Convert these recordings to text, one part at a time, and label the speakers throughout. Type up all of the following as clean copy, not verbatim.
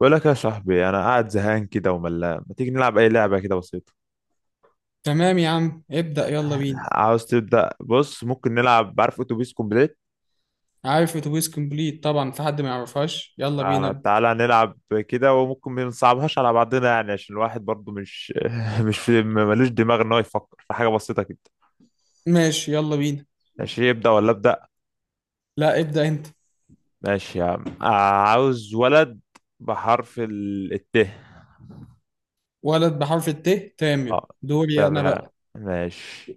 Speaker 1: بقول لك يا صاحبي، انا قاعد زهقان كده وملان. ما تيجي نلعب اي لعبه كده بسيطه؟
Speaker 2: تمام يا عم، ابدأ يلا بينا.
Speaker 1: عاوز تبدا؟ بص، ممكن نلعب. عارف اتوبيس كومبليت؟
Speaker 2: عارف اتوبيس كومبليت، طبعا في حد ما يعرفهاش. يلا بينا
Speaker 1: آه،
Speaker 2: ابدأ.
Speaker 1: تعالى نلعب كده. وممكن ما نصعبهاش على بعضنا، يعني عشان الواحد برضو مش مش في ملوش دماغ ان هو يفكر في حاجه بسيطه كده.
Speaker 2: ماشي يلا بينا.
Speaker 1: ماشي. يبدا ولا ابدا؟
Speaker 2: لا ابدأ انت.
Speaker 1: ماشي يا عم. آه، عاوز ولد بحرف الت.
Speaker 2: ولد بحرف الت. تامر،
Speaker 1: اه،
Speaker 2: دوري انا
Speaker 1: تمام.
Speaker 2: بقى.
Speaker 1: ماشي.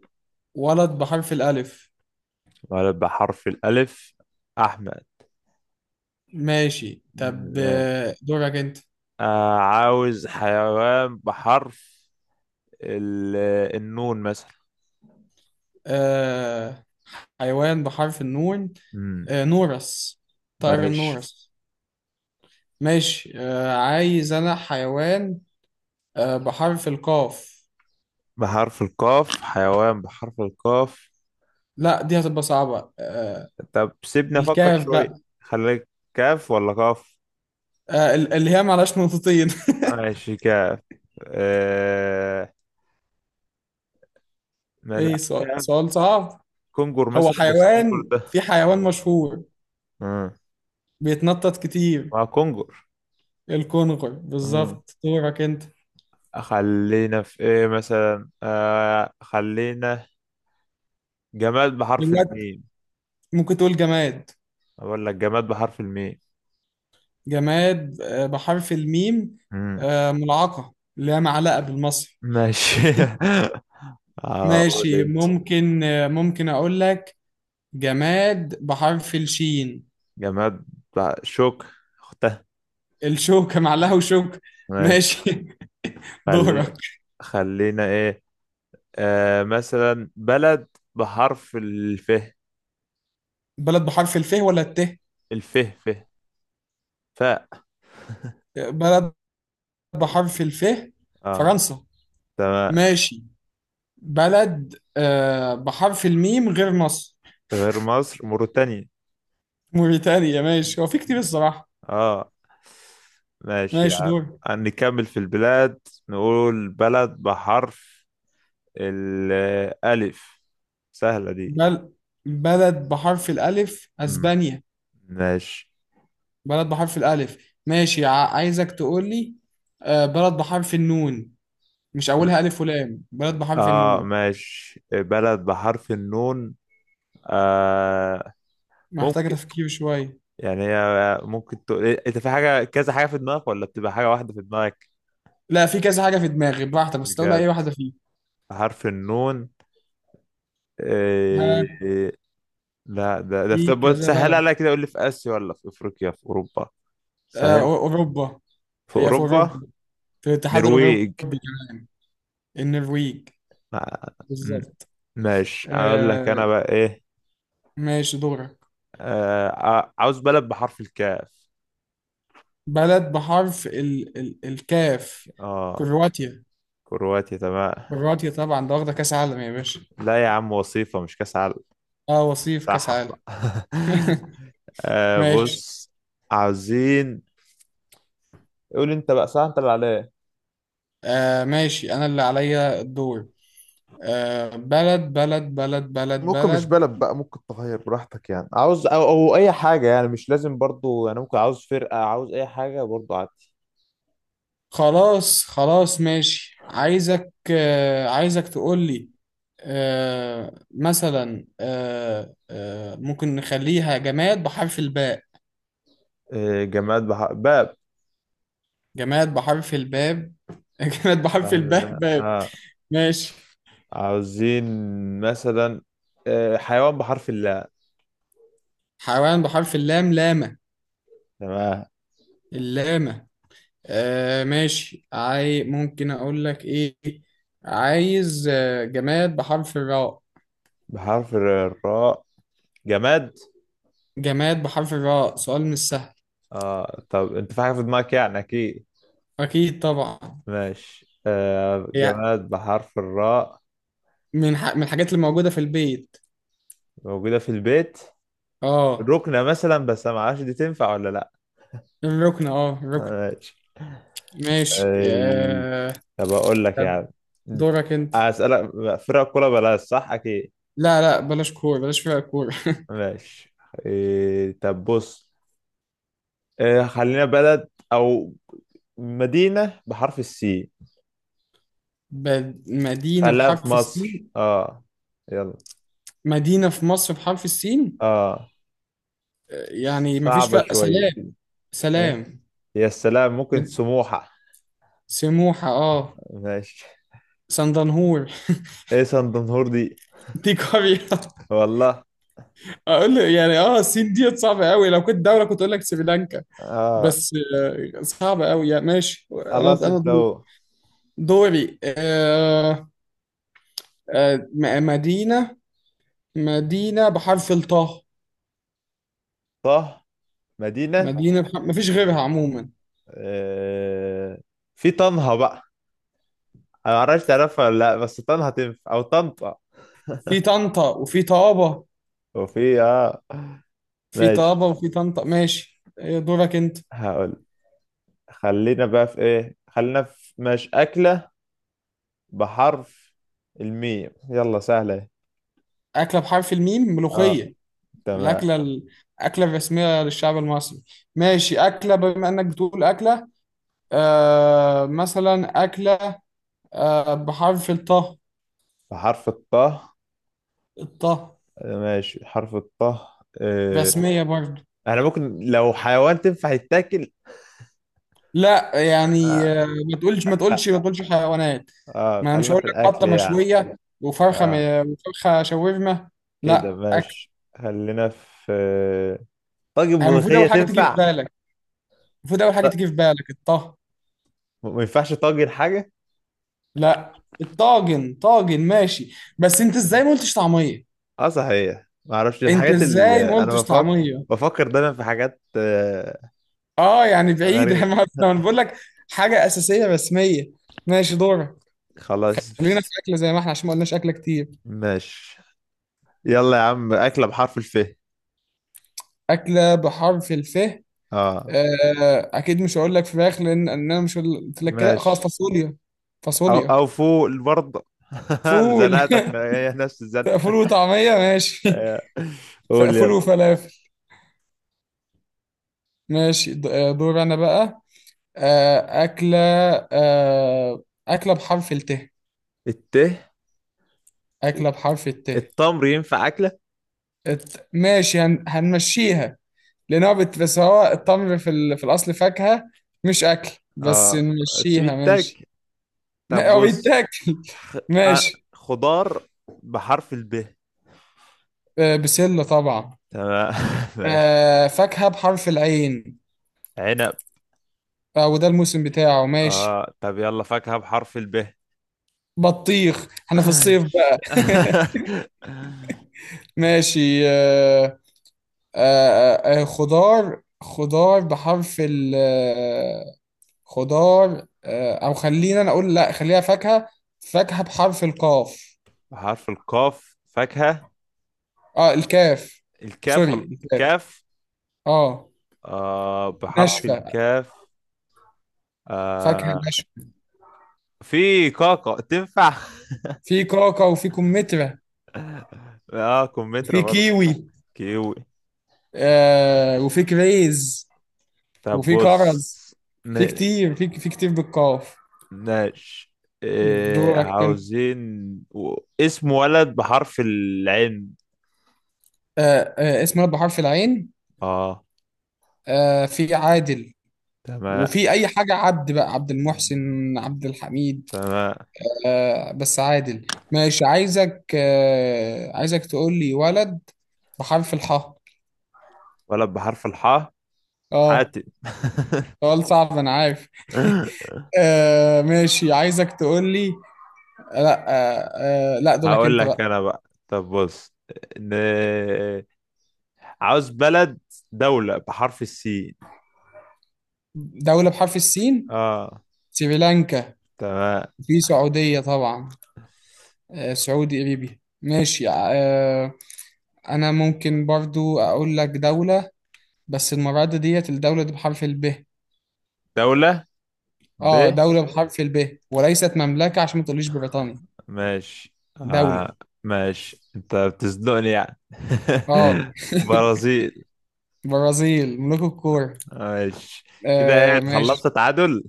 Speaker 2: ولد بحرف الألف.
Speaker 1: ولد بحرف الالف،
Speaker 2: ماشي طب،
Speaker 1: احمد.
Speaker 2: دورك انت.
Speaker 1: آه، عاوز حيوان بحرف ال- النون مثلا.
Speaker 2: آه حيوان بحرف النون.
Speaker 1: امم
Speaker 2: نورس. طائر
Speaker 1: ماشي.
Speaker 2: النورس. ماشي، عايز انا حيوان بحرف القاف.
Speaker 1: بحرف القاف؟ حيوان بحرف القاف؟
Speaker 2: لا دي هتبقى صعبة
Speaker 1: طب سيبني افكر
Speaker 2: الكاف
Speaker 1: شوية.
Speaker 2: بقى.
Speaker 1: خليك. كاف ولا قاف؟
Speaker 2: اللي هي معلهاش نقطتين
Speaker 1: ماشي، كاف. آه، ما لا
Speaker 2: ايه، سؤال
Speaker 1: كاف.
Speaker 2: سؤال صعب.
Speaker 1: كونجر
Speaker 2: هو
Speaker 1: مثلا، بس كونجر
Speaker 2: حيوان،
Speaker 1: ده.
Speaker 2: في حيوان مشهور
Speaker 1: امم
Speaker 2: بيتنطط كتير.
Speaker 1: مع كونجر.
Speaker 2: الكونغر
Speaker 1: امم
Speaker 2: بالظبط، دورك انت.
Speaker 1: خلينا في ايه مثلا، آه، خلينا جماد بحرف
Speaker 2: دلوقتي
Speaker 1: الميم.
Speaker 2: ممكن تقول جماد.
Speaker 1: اقول لك جماد بحرف الميم.
Speaker 2: جماد بحرف الميم.
Speaker 1: مم.
Speaker 2: ملعقة اللي هي معلقة بالمصري.
Speaker 1: ماشي. هقول
Speaker 2: ماشي
Speaker 1: انت.
Speaker 2: ممكن، ممكن اقول لك جماد بحرف الشين.
Speaker 1: جماد بقى شوك، اختها.
Speaker 2: الشوكة، معلقة وشوكة.
Speaker 1: ماشي.
Speaker 2: ماشي
Speaker 1: خلي،
Speaker 2: دورك.
Speaker 1: خلينا ايه، آه، مثلا بلد بحرف الف.
Speaker 2: بلد بحرف الف ولا الت؟
Speaker 1: الف، ف، ف.
Speaker 2: بلد بحرف الف،
Speaker 1: اه،
Speaker 2: فرنسا.
Speaker 1: تمام.
Speaker 2: ماشي، بلد بحرف الميم غير مصر.
Speaker 1: غير مصر، موريتانيا.
Speaker 2: موريتانيا، ماشي، هو في كتير الصراحة.
Speaker 1: اه، ماشي
Speaker 2: ماشي،
Speaker 1: يا
Speaker 2: دور.
Speaker 1: عم. نكمل في البلاد. نقول بلد بحرف الألف، سهلة دي.
Speaker 2: بل بلد بحرف الألف،
Speaker 1: مم.
Speaker 2: أسبانيا.
Speaker 1: ماشي.
Speaker 2: بلد بحرف الألف. ماشي، عايزك تقول لي بلد بحرف النون، مش أولها ألف ولام، بلد بحرف
Speaker 1: اه،
Speaker 2: النون.
Speaker 1: ماشي. بلد بحرف النون. آه،
Speaker 2: محتاجة
Speaker 1: ممكن.
Speaker 2: تفكير شوية.
Speaker 1: يعني هي ممكن تقول إيه، انت في حاجة كذا حاجة في دماغك ولا بتبقى حاجة واحدة في دماغك؟
Speaker 2: لا، في كذا حاجة في دماغي، براحتك بس تقول أي
Speaker 1: بجد.
Speaker 2: واحدة فيه.
Speaker 1: بحرف النون.
Speaker 2: ها.
Speaker 1: إيه... لا، ده في.
Speaker 2: في
Speaker 1: طب
Speaker 2: كذا
Speaker 1: سهل
Speaker 2: بلد.
Speaker 1: عليا كده. قول لي، في آسيا ولا في أفريقيا في أوروبا؟ سهل.
Speaker 2: أوروبا.
Speaker 1: في
Speaker 2: هي في
Speaker 1: أوروبا.
Speaker 2: أوروبا، في الاتحاد الأوروبي.
Speaker 1: نرويج.
Speaker 2: كمان، النرويج.
Speaker 1: آه، م-
Speaker 2: بالظبط.
Speaker 1: ماشي. اقول لك
Speaker 2: آه
Speaker 1: انا بقى ايه.
Speaker 2: ماشي دورك.
Speaker 1: آه، عاوز بلد بحرف الكاف.
Speaker 2: بلد بحرف ال الكاف.
Speaker 1: اه،
Speaker 2: كرواتيا.
Speaker 1: كرواتيا. تمام.
Speaker 2: كرواتيا طبعا، ده واخدة كأس عالم يا باشا.
Speaker 1: لا يا عم، وصيفة مش كاس عالم.
Speaker 2: اه، وصيف كأس
Speaker 1: صحح
Speaker 2: عالم
Speaker 1: بقى. آه،
Speaker 2: ماشي،
Speaker 1: بص، عاوزين. قول انت بقى. صح، انت اللي عليا.
Speaker 2: ماشي، أنا اللي عليا الدور. بلد بلد بلد بلد
Speaker 1: ممكن مش
Speaker 2: بلد
Speaker 1: بلد بقى، ممكن تغير براحتك. يعني عاوز أو اي حاجة، يعني مش لازم برضو. يعني ممكن عاوز فرقة، عاوز اي حاجة برضو عادي.
Speaker 2: خلاص خلاص، ماشي، عايزك تقول لي، مثلا ممكن نخليها جماد بحرف الباء.
Speaker 1: آه، جماد باب.
Speaker 2: جماد بحرف الباب جماد بحرف
Speaker 1: لا-
Speaker 2: الباء،
Speaker 1: لا،
Speaker 2: باب.
Speaker 1: آه.
Speaker 2: ماشي.
Speaker 1: عاوزين مثلا، آه، حيوان بحرف اللاء.
Speaker 2: حيوان بحرف اللام، لامة.
Speaker 1: تمام.
Speaker 2: اللامة. ماشي، ممكن أقول لك إيه. عايز جماد بحرف الراء.
Speaker 1: بحرف الراء، جماد.
Speaker 2: جماد بحرف الراء، سؤال مش سهل.
Speaker 1: اه. طب انت في حاجة في دماغك يعني؟ اكيد.
Speaker 2: أكيد طبعا،
Speaker 1: ماشي. آه،
Speaker 2: يعني
Speaker 1: جماد بحرف الراء.
Speaker 2: من الحاجات اللي موجودة في البيت.
Speaker 1: موجودة في البيت.
Speaker 2: آه
Speaker 1: ركنة مثلا، بس ما اعرفش دي تنفع ولا لا.
Speaker 2: الركن آه الركن
Speaker 1: ماشي.
Speaker 2: ماشي،
Speaker 1: أي، طب اقول لك يعني،
Speaker 2: دورك انت.
Speaker 1: اسألك فرق كوره بلاش، صح؟ اكيد.
Speaker 2: لا لا، بلاش كورة، بلاش فرق كورة
Speaker 1: ماشي. إيه، طب بص، إيه، خلينا بلد او مدينة بحرف
Speaker 2: مدينة
Speaker 1: خليها في
Speaker 2: بحرف
Speaker 1: مصر.
Speaker 2: السين.
Speaker 1: اه، يلا.
Speaker 2: مدينة في مصر بحرف السين.
Speaker 1: اه،
Speaker 2: يعني مفيش
Speaker 1: صعبة
Speaker 2: فرق.
Speaker 1: شوية.
Speaker 2: سلام.
Speaker 1: إيه؟
Speaker 2: سلام.
Speaker 1: يا سلام، ممكن
Speaker 2: من-
Speaker 1: سموحة.
Speaker 2: سموحة. اه،
Speaker 1: ماشي.
Speaker 2: سندنهور
Speaker 1: ايه سندنهور دي؟
Speaker 2: دي قرية.
Speaker 1: والله.
Speaker 2: اقول له يعني، السين ديت صعبة قوي، لو كنت دولة كنت اقول لك سريلانكا،
Speaker 1: اه،
Speaker 2: بس صعبة قوي يعني. ماشي، انا
Speaker 1: خلاص
Speaker 2: انا
Speaker 1: انت
Speaker 2: دوري.
Speaker 1: اهو.
Speaker 2: دوري. مدينة. مدينة بحرف الطاء.
Speaker 1: طه. مدينة.
Speaker 2: مدينة بحرف، مفيش غيرها عموما.
Speaker 1: آه، في طنها بقى. انا معرفش تعرفها ولا لا، بس طنها تنفع او طنطا.
Speaker 2: في طنطا وفي طابة.
Speaker 1: وفي، اه.
Speaker 2: في
Speaker 1: ماشي.
Speaker 2: طابة وفي طنطا. ماشي، إيه دورك انت.
Speaker 1: هقول خلينا بقى في ايه، خلينا في مش أكلة بحرف الميم، يلا، سهلة اهي.
Speaker 2: أكلة بحرف الميم،
Speaker 1: اه،
Speaker 2: ملوخية.
Speaker 1: تمام.
Speaker 2: الأكلة الأكلة الرسمية للشعب المصري. ماشي أكلة، بما إنك بتقول أكلة، مثلا أكلة بحرف الطه.
Speaker 1: بحرف الطه.
Speaker 2: الطه،
Speaker 1: آه، ماشي. حرف الطه. آه.
Speaker 2: رسمية برضه.
Speaker 1: انا ممكن لو حيوان تنفع يتاكل؟
Speaker 2: لا يعني،
Speaker 1: آه.
Speaker 2: ما تقولش ما
Speaker 1: آه،
Speaker 2: تقولش ما تقولش حيوانات.
Speaker 1: اه
Speaker 2: ما أنا مش
Speaker 1: خلينا
Speaker 2: هقول
Speaker 1: في
Speaker 2: لك
Speaker 1: الاكل
Speaker 2: بطة
Speaker 1: يعني.
Speaker 2: مشوية،
Speaker 1: اه،
Speaker 2: وفرخة شاورما.
Speaker 1: كده
Speaker 2: لا، أكل.
Speaker 1: ماشي. خلينا في طاجن
Speaker 2: هي المفروض
Speaker 1: ملوخية،
Speaker 2: أول حاجة تيجي في
Speaker 1: تنفع؟
Speaker 2: بالك. المفروض اول حاجه
Speaker 1: لا.
Speaker 2: تيجي في بالك الطه.
Speaker 1: ما ينفعش طاجن حاجة؟
Speaker 2: لا، الطاجن طاجن. ماشي، بس انت ازاي ما قلتش طعميه.
Speaker 1: اه صحيح، ما اعرفش.
Speaker 2: انت
Speaker 1: الحاجات
Speaker 2: ازاي
Speaker 1: اللي
Speaker 2: ما
Speaker 1: انا
Speaker 2: قلتش
Speaker 1: بفكر،
Speaker 2: طعميه.
Speaker 1: بفكر دايما في حاجات آه،
Speaker 2: اه يعني بعيده
Speaker 1: غريبة.
Speaker 2: ما أنا بقول لك حاجه اساسيه رسميه. ماشي دورك.
Speaker 1: خلاص
Speaker 2: خلينا في اكله زي ما احنا، عشان ما قلناش اكله كتير.
Speaker 1: ماشي. يلا يا عم، أكلة بحرف الف.
Speaker 2: اكله بحرف الف.
Speaker 1: اه،
Speaker 2: اكيد مش هقول لك فراخ، لان انا مش هقول- قلت لك كده. خلاص،
Speaker 1: ماشي.
Speaker 2: فاصوليا.
Speaker 1: او
Speaker 2: فاصوليا.
Speaker 1: او فوق برضه.
Speaker 2: فول
Speaker 1: زنقتك هي نفس الزنقة.
Speaker 2: فول وطعميه، ماشي
Speaker 1: آه. قول
Speaker 2: فول
Speaker 1: يلا.
Speaker 2: وفلافل. ماشي، دور انا بقى. أكلة. آه، أكلة بحرف الت.
Speaker 1: الت.
Speaker 2: أكلة بحرف الت.
Speaker 1: التمر ينفع أكلة؟
Speaker 2: ماشي، هنمشيها، لأن هو بس هو التمر في في الأصل فاكهة، مش أكل. بس
Speaker 1: اه،
Speaker 2: نمشيها، ماشي
Speaker 1: سويتك. طب
Speaker 2: هو
Speaker 1: بص،
Speaker 2: بيتاكل
Speaker 1: خ... آه،
Speaker 2: ماشي.
Speaker 1: خضار بحرف الب.
Speaker 2: بسلة طبعا.
Speaker 1: تمام. ماشي.
Speaker 2: فاكهة بحرف العين.
Speaker 1: عنب.
Speaker 2: وده الموسم بتاعه، ماشي.
Speaker 1: اه، طب يلا، فاكهة بحرف الب.
Speaker 2: بطيخ، احنا في الصيف بقى ماشي، خضار بحرف ال آه، خضار. او خلينا، انا اقول لا، خليها فاكهة. فاكهة بحرف القاف.
Speaker 1: بحرف القاف فاكهة.
Speaker 2: اه، الكاف.
Speaker 1: الكاف
Speaker 2: سوري،
Speaker 1: ولا
Speaker 2: الكاف.
Speaker 1: الكاف؟
Speaker 2: اه اه.
Speaker 1: آه، بحرف
Speaker 2: ناشفة.
Speaker 1: الكاف.
Speaker 2: فاكهة
Speaker 1: آه،
Speaker 2: ناشفة.
Speaker 1: في كاكا تنفع.
Speaker 2: في كاكا وفي كمثرى
Speaker 1: اه، كمثرى
Speaker 2: وفي
Speaker 1: برضه.
Speaker 2: كيوي.
Speaker 1: كيوي.
Speaker 2: وفي كريز
Speaker 1: طب
Speaker 2: وفي
Speaker 1: بص.
Speaker 2: كرز. في
Speaker 1: ن-
Speaker 2: كتير، في كتير بالقاف.
Speaker 1: ماشي. إيه،
Speaker 2: دورك انت.
Speaker 1: عاوزين، و... اسم ولد بحرف العين.
Speaker 2: اسم ولد بحرف العين.
Speaker 1: اه،
Speaker 2: في عادل،
Speaker 1: تمام.
Speaker 2: وفي اي حاجه عبد، بقى عبد المحسن، عبد الحميد.
Speaker 1: تمام.
Speaker 2: بس عادل. ماشي، عايزك تقول لي ولد بحرف الحاء.
Speaker 1: ولد بحرف الحاء،
Speaker 2: اه،
Speaker 1: حاتم.
Speaker 2: سؤال صعب انا عارف ماشي، عايزك تقول لي. لا، لا، دورك
Speaker 1: هقول
Speaker 2: انت
Speaker 1: لك
Speaker 2: بقى.
Speaker 1: انا بقى. طب بص، ن... عاوز بلد، دولة بحرف السين.
Speaker 2: دولة بحرف السين.
Speaker 1: اه،
Speaker 2: سريلانكا.
Speaker 1: تمام.
Speaker 2: في سعودية طبعا. آه، سعودي قريبي. ماشي، انا ممكن برضو اقول لك دولة، بس المرة دي، ديت الدولة دي بحرف الب.
Speaker 1: دولة ب.
Speaker 2: اه، دولة بحرف الب، وليست مملكة عشان ما تقوليش بريطانيا.
Speaker 1: ماشي.
Speaker 2: دولة.
Speaker 1: آه. ماشي، انت بتزنقني يعني.
Speaker 2: اه،
Speaker 1: برازيل.
Speaker 2: برازيل ملوك الكورة.
Speaker 1: ماشي. كده ايه،
Speaker 2: ماشي.
Speaker 1: خلصت تعادل.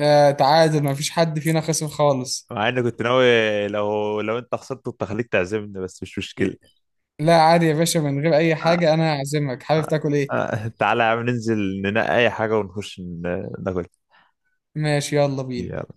Speaker 2: تعادل، ما فيش حد فينا خسر خالص.
Speaker 1: مع اني كنت ناوي لو انت خسرت كنت هخليك تعزمني، بس مش مشكلة.
Speaker 2: لا عادي يا باشا، من غير أي
Speaker 1: آه،
Speaker 2: حاجة أنا هعزمك، حابب
Speaker 1: آه،
Speaker 2: تاكل إيه؟
Speaker 1: آه، تعالى يا عم ننزل ننقي اي حاجة ونخش ناكل.
Speaker 2: ماشي يلا بينا.
Speaker 1: يلا.